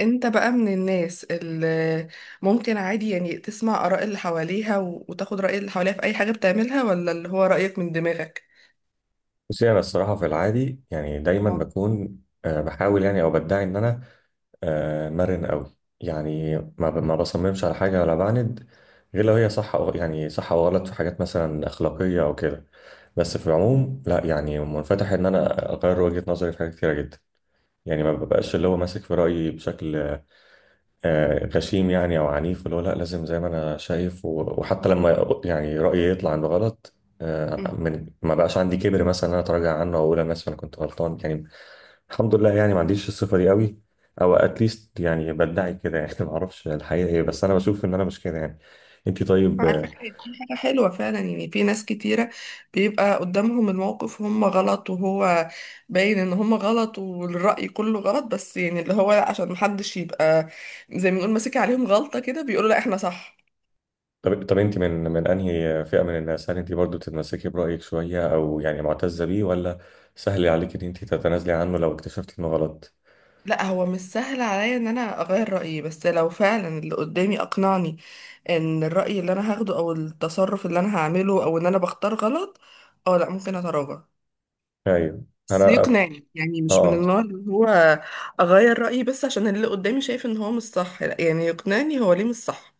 انت بقى من الناس اللي ممكن عادي يعني تسمع آراء اللي حواليها وتاخد رأي اللي حواليها في أي حاجة بتعملها ولا اللي هو رأيك من دماغك؟ بصي، انا الصراحه في العادي يعني دايما اه. بكون بحاول يعني او بدعي ان انا مرن قوي. يعني ما بصممش على حاجه ولا بعند، غير لو هي صح أو يعني صح او غلط في حاجات مثلا اخلاقيه او كده. بس في العموم لا، يعني منفتح ان انا اغير وجهه نظري في حاجات كتيره جدا. يعني ما ببقاش اللي هو ماسك في رايي بشكل غشيم، يعني او عنيف، اللي هو لا لازم زي ما انا شايف وحتى لما يعني رايي يطلع عنده غلط. مم. من ما بقاش عندي كبر مثلا ان انا اتراجع عنه او اقول انا اسف انا كنت غلطان يعني. الحمد لله، يعني ما عنديش الصفه دي قوي، او اتليست يعني بدعي كده يعني ما اعرفش الحقيقه ايه، بس انا بشوف ان انا مش كده يعني. انت طيب؟ على فكرة دي حاجة حلوة فعلا، يعني في ناس كتيرة بيبقى قدامهم الموقف وهم غلط وهو باين ان هم غلط والرأي كله غلط، بس يعني اللي هو لا، عشان محدش يبقى زي ما نقول ماسك عليهم غلطة كده بيقولوا لا احنا صح. طب انت من انهي فئه من الناس؟ هل انت برضو تتمسكي برايك شويه، او يعني معتزه بيه، ولا سهل عليك ان انت تتنازلي عنه لو اكتشفتي انه غلط؟ لا هو مش سهل عليا ان انا اغير رأيي، بس لو فعلا اللي قدامي اقنعني ان الرأي اللي انا هاخده او التصرف اللي انا هعمله او ان انا بختار غلط، اه لا ممكن اتراجع. ايوه. بس انا أف... يقنعني، يعني مش من اه. النوع اللي هو اغير رأيي بس عشان اللي قدامي شايف ان هو مش صح، لا يعني يقنعني هو ليه مش صح.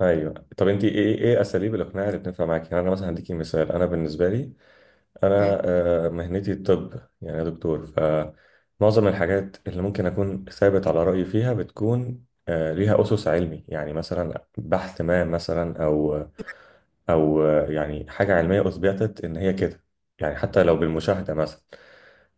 ايوه. طب انت ايه ايه اساليب الاقناع اللي بتنفع معاكي؟ يعني انا مثلا هديكي مثال. انا بالنسبه لي انا مم. مهنتي الطب. يعني أنا دكتور، فمعظم الحاجات اللي ممكن اكون ثابت على رايي فيها بتكون ليها اسس علمي. يعني مثلا بحث ما مثلا، او او يعني حاجه علميه اثبتت ان هي كده، يعني حتى لو بالمشاهده مثلا.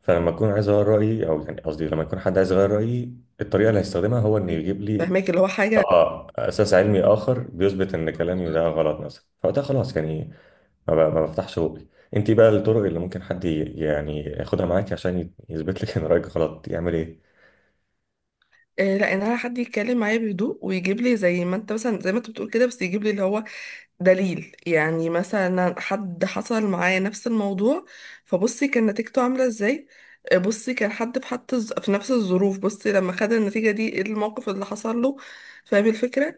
فلما اكون عايز اغير رايي، او يعني قصدي لما يكون حد عايز يغير رايي، الطريقه اللي هيستخدمها هو انه ايوه يجيب لي فهماك اللي هو حاجة. اه اساس علمي اخر بيثبت ان كلامي ده غلط مثلا، فوقتها خلاص يعني ما بفتحش بوقي. انت بقى الطرق اللي ممكن حد يعني ياخدها معاكي عشان يثبت لك ان رايك غلط يعمل ايه؟ لا، ان انا حد يتكلم معايا بهدوء ويجيب لي زي ما انت مثلا، زي ما انت بتقول كده، بس يجيب لي اللي هو دليل. يعني مثلا حد حصل معايا نفس الموضوع، فبصي كان نتيجته عاملة ازاي. بصي كان حد في، حتى في نفس الظروف، بصي لما خد النتيجة دي ايه الموقف اللي حصل له. فاهم الفكرة.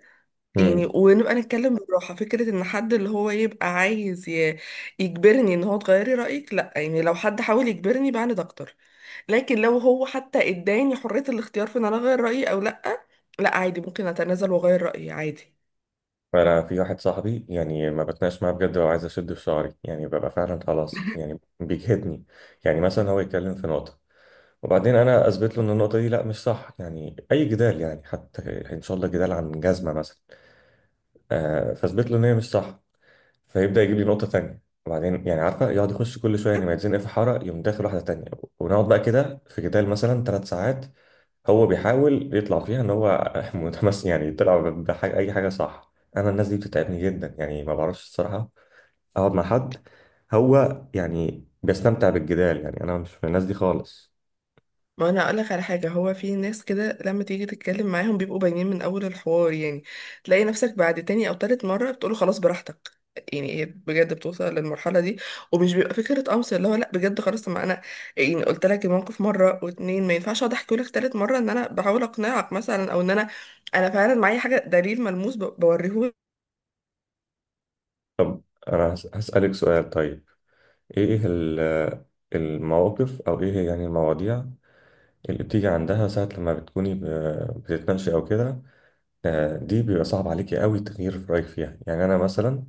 يعني امم. ونبقى نتكلم بالراحة. فكرة ان حد اللي هو يبقى عايز يجبرني ان هو تغيري رأيك، لا، يعني لو حد حاول يجبرني بعند اكتر. لكن لو هو حتى اداني حرية الاختيار في ان انا اغير رأيي او لا، لا عادي ممكن اتنازل واغير رأيي عادي. فانا في واحد صاحبي، يعني ما بتناقش معاه بجد، لو عايز اشد في شعري يعني ببقى فعلا خلاص يعني بيجهدني. يعني مثلا هو يتكلم في نقطه، وبعدين انا اثبت له ان النقطه دي لا مش صح. يعني اي جدال، يعني حتى ان شاء الله جدال عن جزمه مثلا، فاثبت له ان هي مش صح، فيبدأ يجيب لي نقطة تانية، وبعدين يعني عارفة، يقعد يخش كل شوية، يعني ما يتزنق في حارة يقوم داخل واحدة تانية. ونقعد بقى كده في جدال مثلا ثلاث ساعات. هو بيحاول يطلع فيها ان هو متمس، يعني يطلع بحاجة، أي حاجة صح. أنا الناس دي بتتعبني جدا يعني، ما بعرفش الصراحة. أقعد مع حد هو يعني بيستمتع بالجدال؟ يعني أنا مش من الناس دي خالص. ما انا اقول لك على حاجه، هو في ناس كده لما تيجي تتكلم معاهم بيبقوا باينين من اول الحوار، يعني تلاقي نفسك بعد تاني او تالت مره بتقوله خلاص براحتك. يعني هي بجد بتوصل للمرحله دي، ومش بيبقى فكره قمص، اللي هو لا بجد خلاص، طب ما انا يعني قلت لك الموقف مره واتنين، ما ينفعش اقعد احكي لك تالت مره ان انا بحاول اقنعك مثلا، او ان انا فعلا معايا حاجه، دليل ملموس بوريهولك. طب أنا هسألك سؤال طيب. إيه المواقف أو إيه يعني المواضيع اللي بتيجي عندها ساعة لما بتكوني بتتناقشي أو كده، دي بيبقى صعب عليكي قوي تغيير في رايك فيها؟ يعني انا مثلا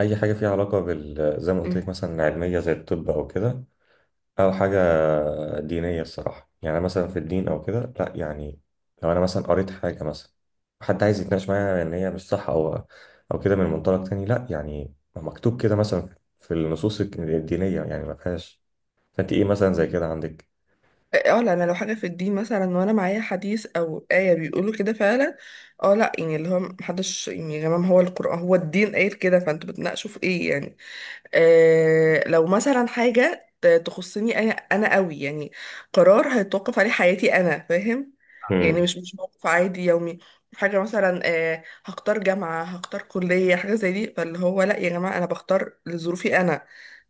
اي حاجه فيها علاقه بال، زي ما قلت لك، مثلا علميه زي الطب او كده، او حاجه دينيه الصراحه، يعني مثلا في الدين او كده، لا يعني لو انا مثلا قريت حاجه مثلا، حد عايز يتناقش معايا ان هي مش صح، او او كده من منطلق تاني، لا يعني ما مكتوب كده مثلا في النصوص الدينيه يعني ما فيهاش. فانت ايه مثلا زي كده عندك؟ اه لا، انا لو حاجه في الدين مثلا وانا معايا حديث او ايه بيقولوا كده فعلا، اه لا يعني اللي هو محدش يعني، يا جماعه ما هو القران هو الدين قايل كده، فانتوا بتناقشوا في ايه يعني. آه لو مثلا حاجه تخصني انا، انا قوي يعني، قرار هيتوقف عليه حياتي انا، فاهم؟ يعني امم. مش موقف عادي يومي، حاجه مثلا آه هختار جامعه، هختار كليه، حاجه زي دي، فاللي هو لا يا جماعه انا بختار لظروفي انا،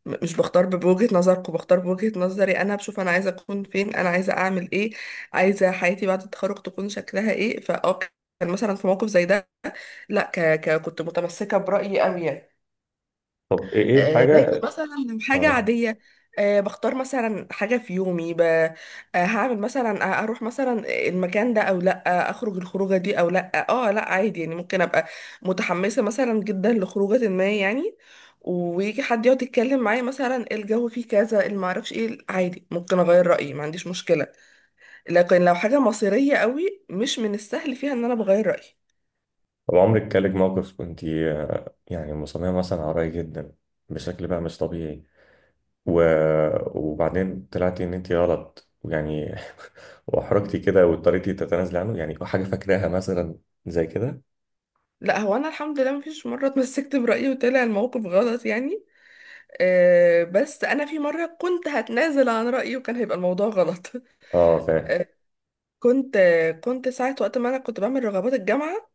مش بختار بوجهة نظركم، بختار بوجهة نظري انا، بشوف انا عايزه اكون فين، انا عايزه اعمل ايه، عايزه حياتي بعد التخرج تكون شكلها ايه، فاه كان مثلا في موقف زي ده، لا كنت متمسكه برأيي قوي يعني. طب ايه إيه لكن الحاجه؟ مثلا لو حاجة اه. عادية، بختار مثلا حاجة في يومي، ب... آه، هعمل مثلا، اروح مثلا المكان ده او لا، اخرج الخروجة دي او لا، اه لا عادي يعني، ممكن ابقى متحمسة مثلا جدا لخروجة ما يعني، ويجي حد يقعد يتكلم معايا مثلا الجو فيه كذا اللي معرفش ايه، عادي ممكن اغير رأيي ما عنديش مشكلة. لكن لو حاجة مصيرية قوي مش من السهل فيها ان انا بغير رأيي. طب عمرك جالك موقف كنت يعني مصممة مثلا على رأي جدا، بشكل بقى مش طبيعي، و... وبعدين طلعتي ان انت غلط يعني، واحرجتي كده واضطريتي تتنازلي عنه؟ يعني حاجة فاكراها مثلا زي كده. لا هو انا الحمد لله مفيش مرة اتمسكت برأيي وطلع الموقف غلط يعني. بس انا في مره كنت هتنازل عن رايي وكان هيبقى الموضوع غلط اه فاهم. كنت كنت ساعه وقت ما انا كنت بعمل رغبات الجامعه،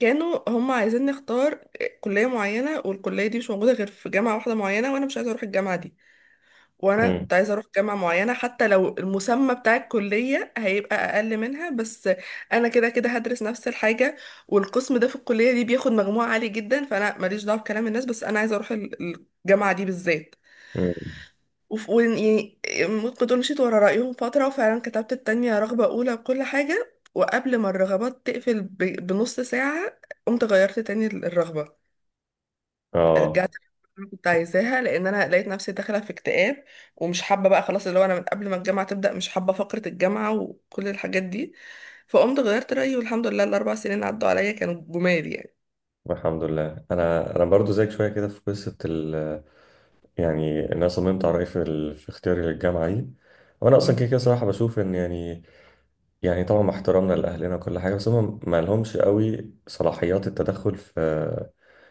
كانوا هم عايزين نختار كليه معينه، والكليه دي مش موجوده غير في جامعه واحده معينه، وانا مش عايزه اروح الجامعه دي، وانا مم. كنت عايزه اروح جامعه معينه حتى لو المسمى بتاع الكليه هيبقى اقل منها، بس انا كده كده هدرس نفس الحاجه، والقسم ده في الكليه دي بياخد مجموع عالي جدا، فانا ماليش دعوه بكلام الناس، بس انا عايزه اروح الجامعه دي بالذات. مم. وف- وإن- يعني ممكن تقول مشيت ورا رأيهم فترة، وفعلا كتبت التانية رغبة أولى بكل حاجة، وقبل ما الرغبات تقفل بنص ساعة قمت غيرت تاني الرغبة، اه رجعت اللي كنت عايزاها، لأن أنا لقيت نفسي داخلة في اكتئاب، ومش حابة بقى خلاص، اللي هو أنا من قبل ما الجامعة تبدأ مش حابة فقرة الجامعة وكل الحاجات دي، فقمت غيرت رأيي، والحمد لله الأربع سنين عدوا عليا كانوا جمال يعني. الحمد لله. انا برضو زيك شويه كده في قصه يعني إن انا صممت على رايي في, في اختياري للجامعه دي. وانا اصلا مم. كده كده صراحه بشوف ان يعني، يعني طبعا مع احترامنا لأهلنا وكل حاجة، بس هم ما لهمش قوي صلاحيات التدخل في،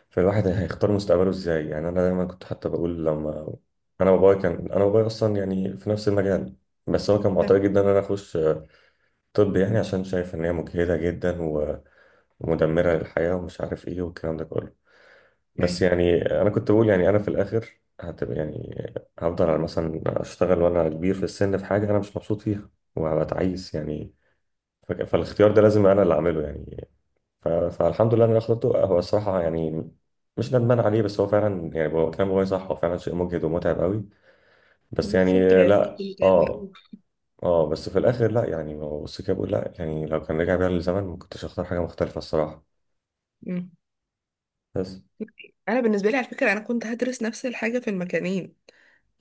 في الواحد هيختار مستقبله ازاي. يعني أنا دايما كنت حتى بقول، لما أنا بابايا أصلا يعني في نفس المجال، بس هو كان معترض تمام. جدا إن أنا أخش طب، يعني عشان شايف إن هي مجهدة جدا ومدمرة للحياة ومش عارف إيه والكلام ده كله. بس يعني يعني أنا كنت بقول يعني أنا في الآخر هتبقى، يعني هفضل على مثلا أشتغل وأنا كبير في السن في حاجة أنا مش مبسوط فيها وهبقى تعيس يعني. فالاختيار ده لازم انا اللي اعمله يعني. فالحمد لله إن انا اخترته هو الصراحه يعني. مش ندمان عليه، بس هو فعلا يعني هو كلام بابايا صح، هو فعلا شيء مجهد ومتعب قوي. بس بالظبط، يعني هي كنت لا اه. متعبة اه بس في الاخر لا يعني. هو بص كده بقول لا، يعني لو كان رجع بيا للزمن ما كنتش اختار حاجه مختلفه الصراحه. أوي. بس. انا بالنسبه لي على فكره انا كنت هدرس نفس الحاجه في المكانين،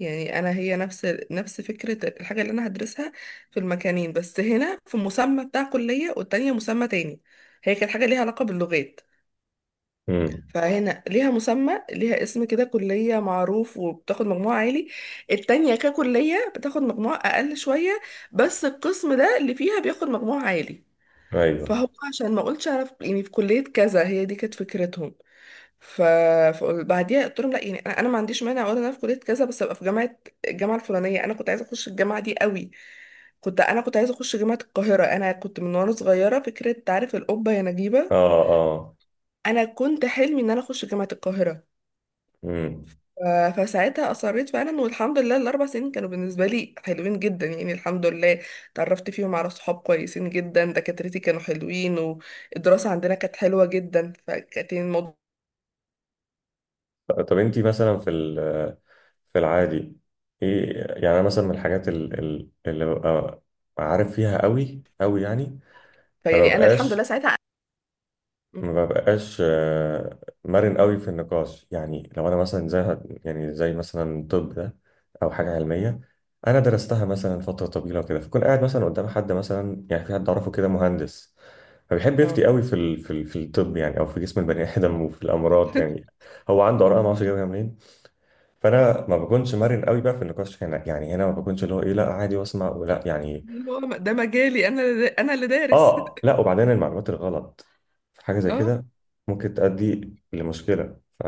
يعني انا هي نفس فكره الحاجه اللي انا هدرسها في المكانين، بس هنا في مسمى بتاع كليه، والتانية مسمى تاني. هي كانت حاجه ليها علاقه باللغات، امم. فهنا ليها مسمى، ليها اسم كده كليه معروف وبتاخد مجموع عالي. التانية ككليه بتاخد مجموع اقل شويه، بس القسم ده اللي فيها بياخد مجموع عالي، ايوه. فهو عشان ما اقولش انا يعني في كليه كذا، هي دي كانت فكرتهم. ف فبعديها قلت لهم لا، يعني أنا ما عنديش مانع ولا انا في كليه كذا، بس ابقى في جامعه، الجامعه الفلانيه، انا كنت عايزه اخش الجامعه دي قوي. كنت، انا كنت عايزه اخش جامعه القاهره، انا كنت من وانا صغيره فكره، تعرف القبه يا اه نجيبه؟ اه. انا كنت حلمي ان انا اخش جامعه القاهره. امم. فساعتها اصريت فعلا، والحمد لله الاربع سنين كانوا بالنسبه لي حلوين جدا، يعني الحمد لله اتعرفت فيهم على صحاب كويسين جدا، دكاترتي كانوا حلوين، والدراسه عندنا كانت حلوه جدا، فكانت الموضوع طب انتي مثلا في في العادي ايه؟ يعني انا مثلا من الحاجات اللي ببقى عارف فيها قوي قوي، يعني ما فيعني انا الحمد لله ببقاش ساعتها. ما ببقاش مرن قوي في النقاش. يعني لو انا مثلا زي، يعني زي مثلا طب ده، او حاجه علميه انا درستها مثلا فتره طويله وكده، فكون قاعد مثلا قدام حد، مثلا يعني في حد اعرفه كده مهندس فبيحب يفتي اه، قوي في في الطب يعني، او في جسم البني ادم وفي الامراض يعني. هو عنده اراء ما اعرفش جايبها منين. فانا ما بكونش مرن قوي بقى في النقاش هنا. يعني هنا ما بكونش اللي هو ايه لا عادي واسمع ولا يعني. اللي هو ده مجالي انا، انا اللي دارس اه لا، وبعدين المعلومات الغلط في حاجه زي اه، كده ممكن تؤدي لمشكله ف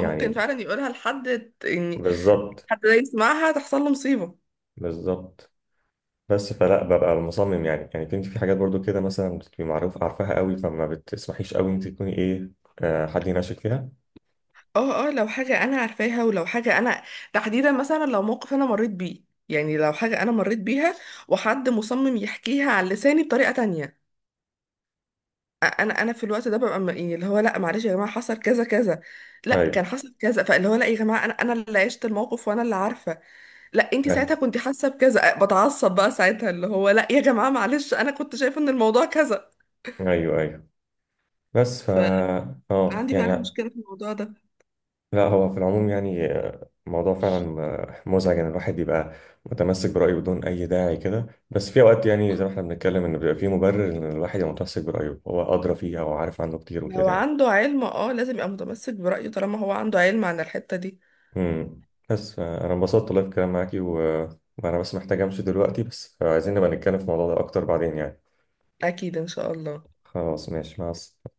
ممكن فعلا يقولها لحد، يعني بالظبط. حد ده يسمعها تحصل له مصيبة. بالظبط. بس فلا ببقى مصمم يعني، يعني كنت في حاجات برضو كده مثلا بتبقي معروف عارفاها قوي، فما بتسمحيش قوي انت تكوني ايه حد يناقشك فيها. اه اه، لو حاجة انا عارفاها، ولو حاجة انا تحديدا مثلا، لو موقف انا مريت بيه، يعني لو حاجة انا مريت بيها وحد مصمم يحكيها على لساني بطريقة تانية، انا في الوقت ده ببقى يعني اللي هو لا معلش يا جماعة، حصل كذا كذا، لا كان ايوه. حصل كذا، فاللي هو لا يا جماعة انا، انا اللي عشت الموقف وانا اللي عارفة، لا انت آه. ساعتها كنت حاسه بكذا، بتعصب بقى ساعتها، اللي هو لا يا جماعه معلش انا كنت شايفه ان الموضوع كذا. ايوه ايوه. بس ف اه فعندي يعني. فعلا مشكله في الموضوع ده. لا هو في العموم يعني الموضوع فعلا مزعج ان الواحد يبقى متمسك برأيه بدون اي داعي كده، بس في اوقات يعني زي ما احنا بنتكلم ان بيبقى في مبرر ان الواحد يبقى متمسك برأيه، هو ادرى فيها وعارف عنه كتير لو وكده يعني. عنده علم اه لازم يبقى متمسك برايه، طالما هو عنده علم عن الحته دي. امم. بس انا انبسطت والله في الكلام معاكي وانا بس محتاج امشي دلوقتي، بس عايزين نبقى نتكلم في الموضوع ده اكتر بعدين يعني. اكيد ان شاء الله. خلاص، ماشي، مع السلامة.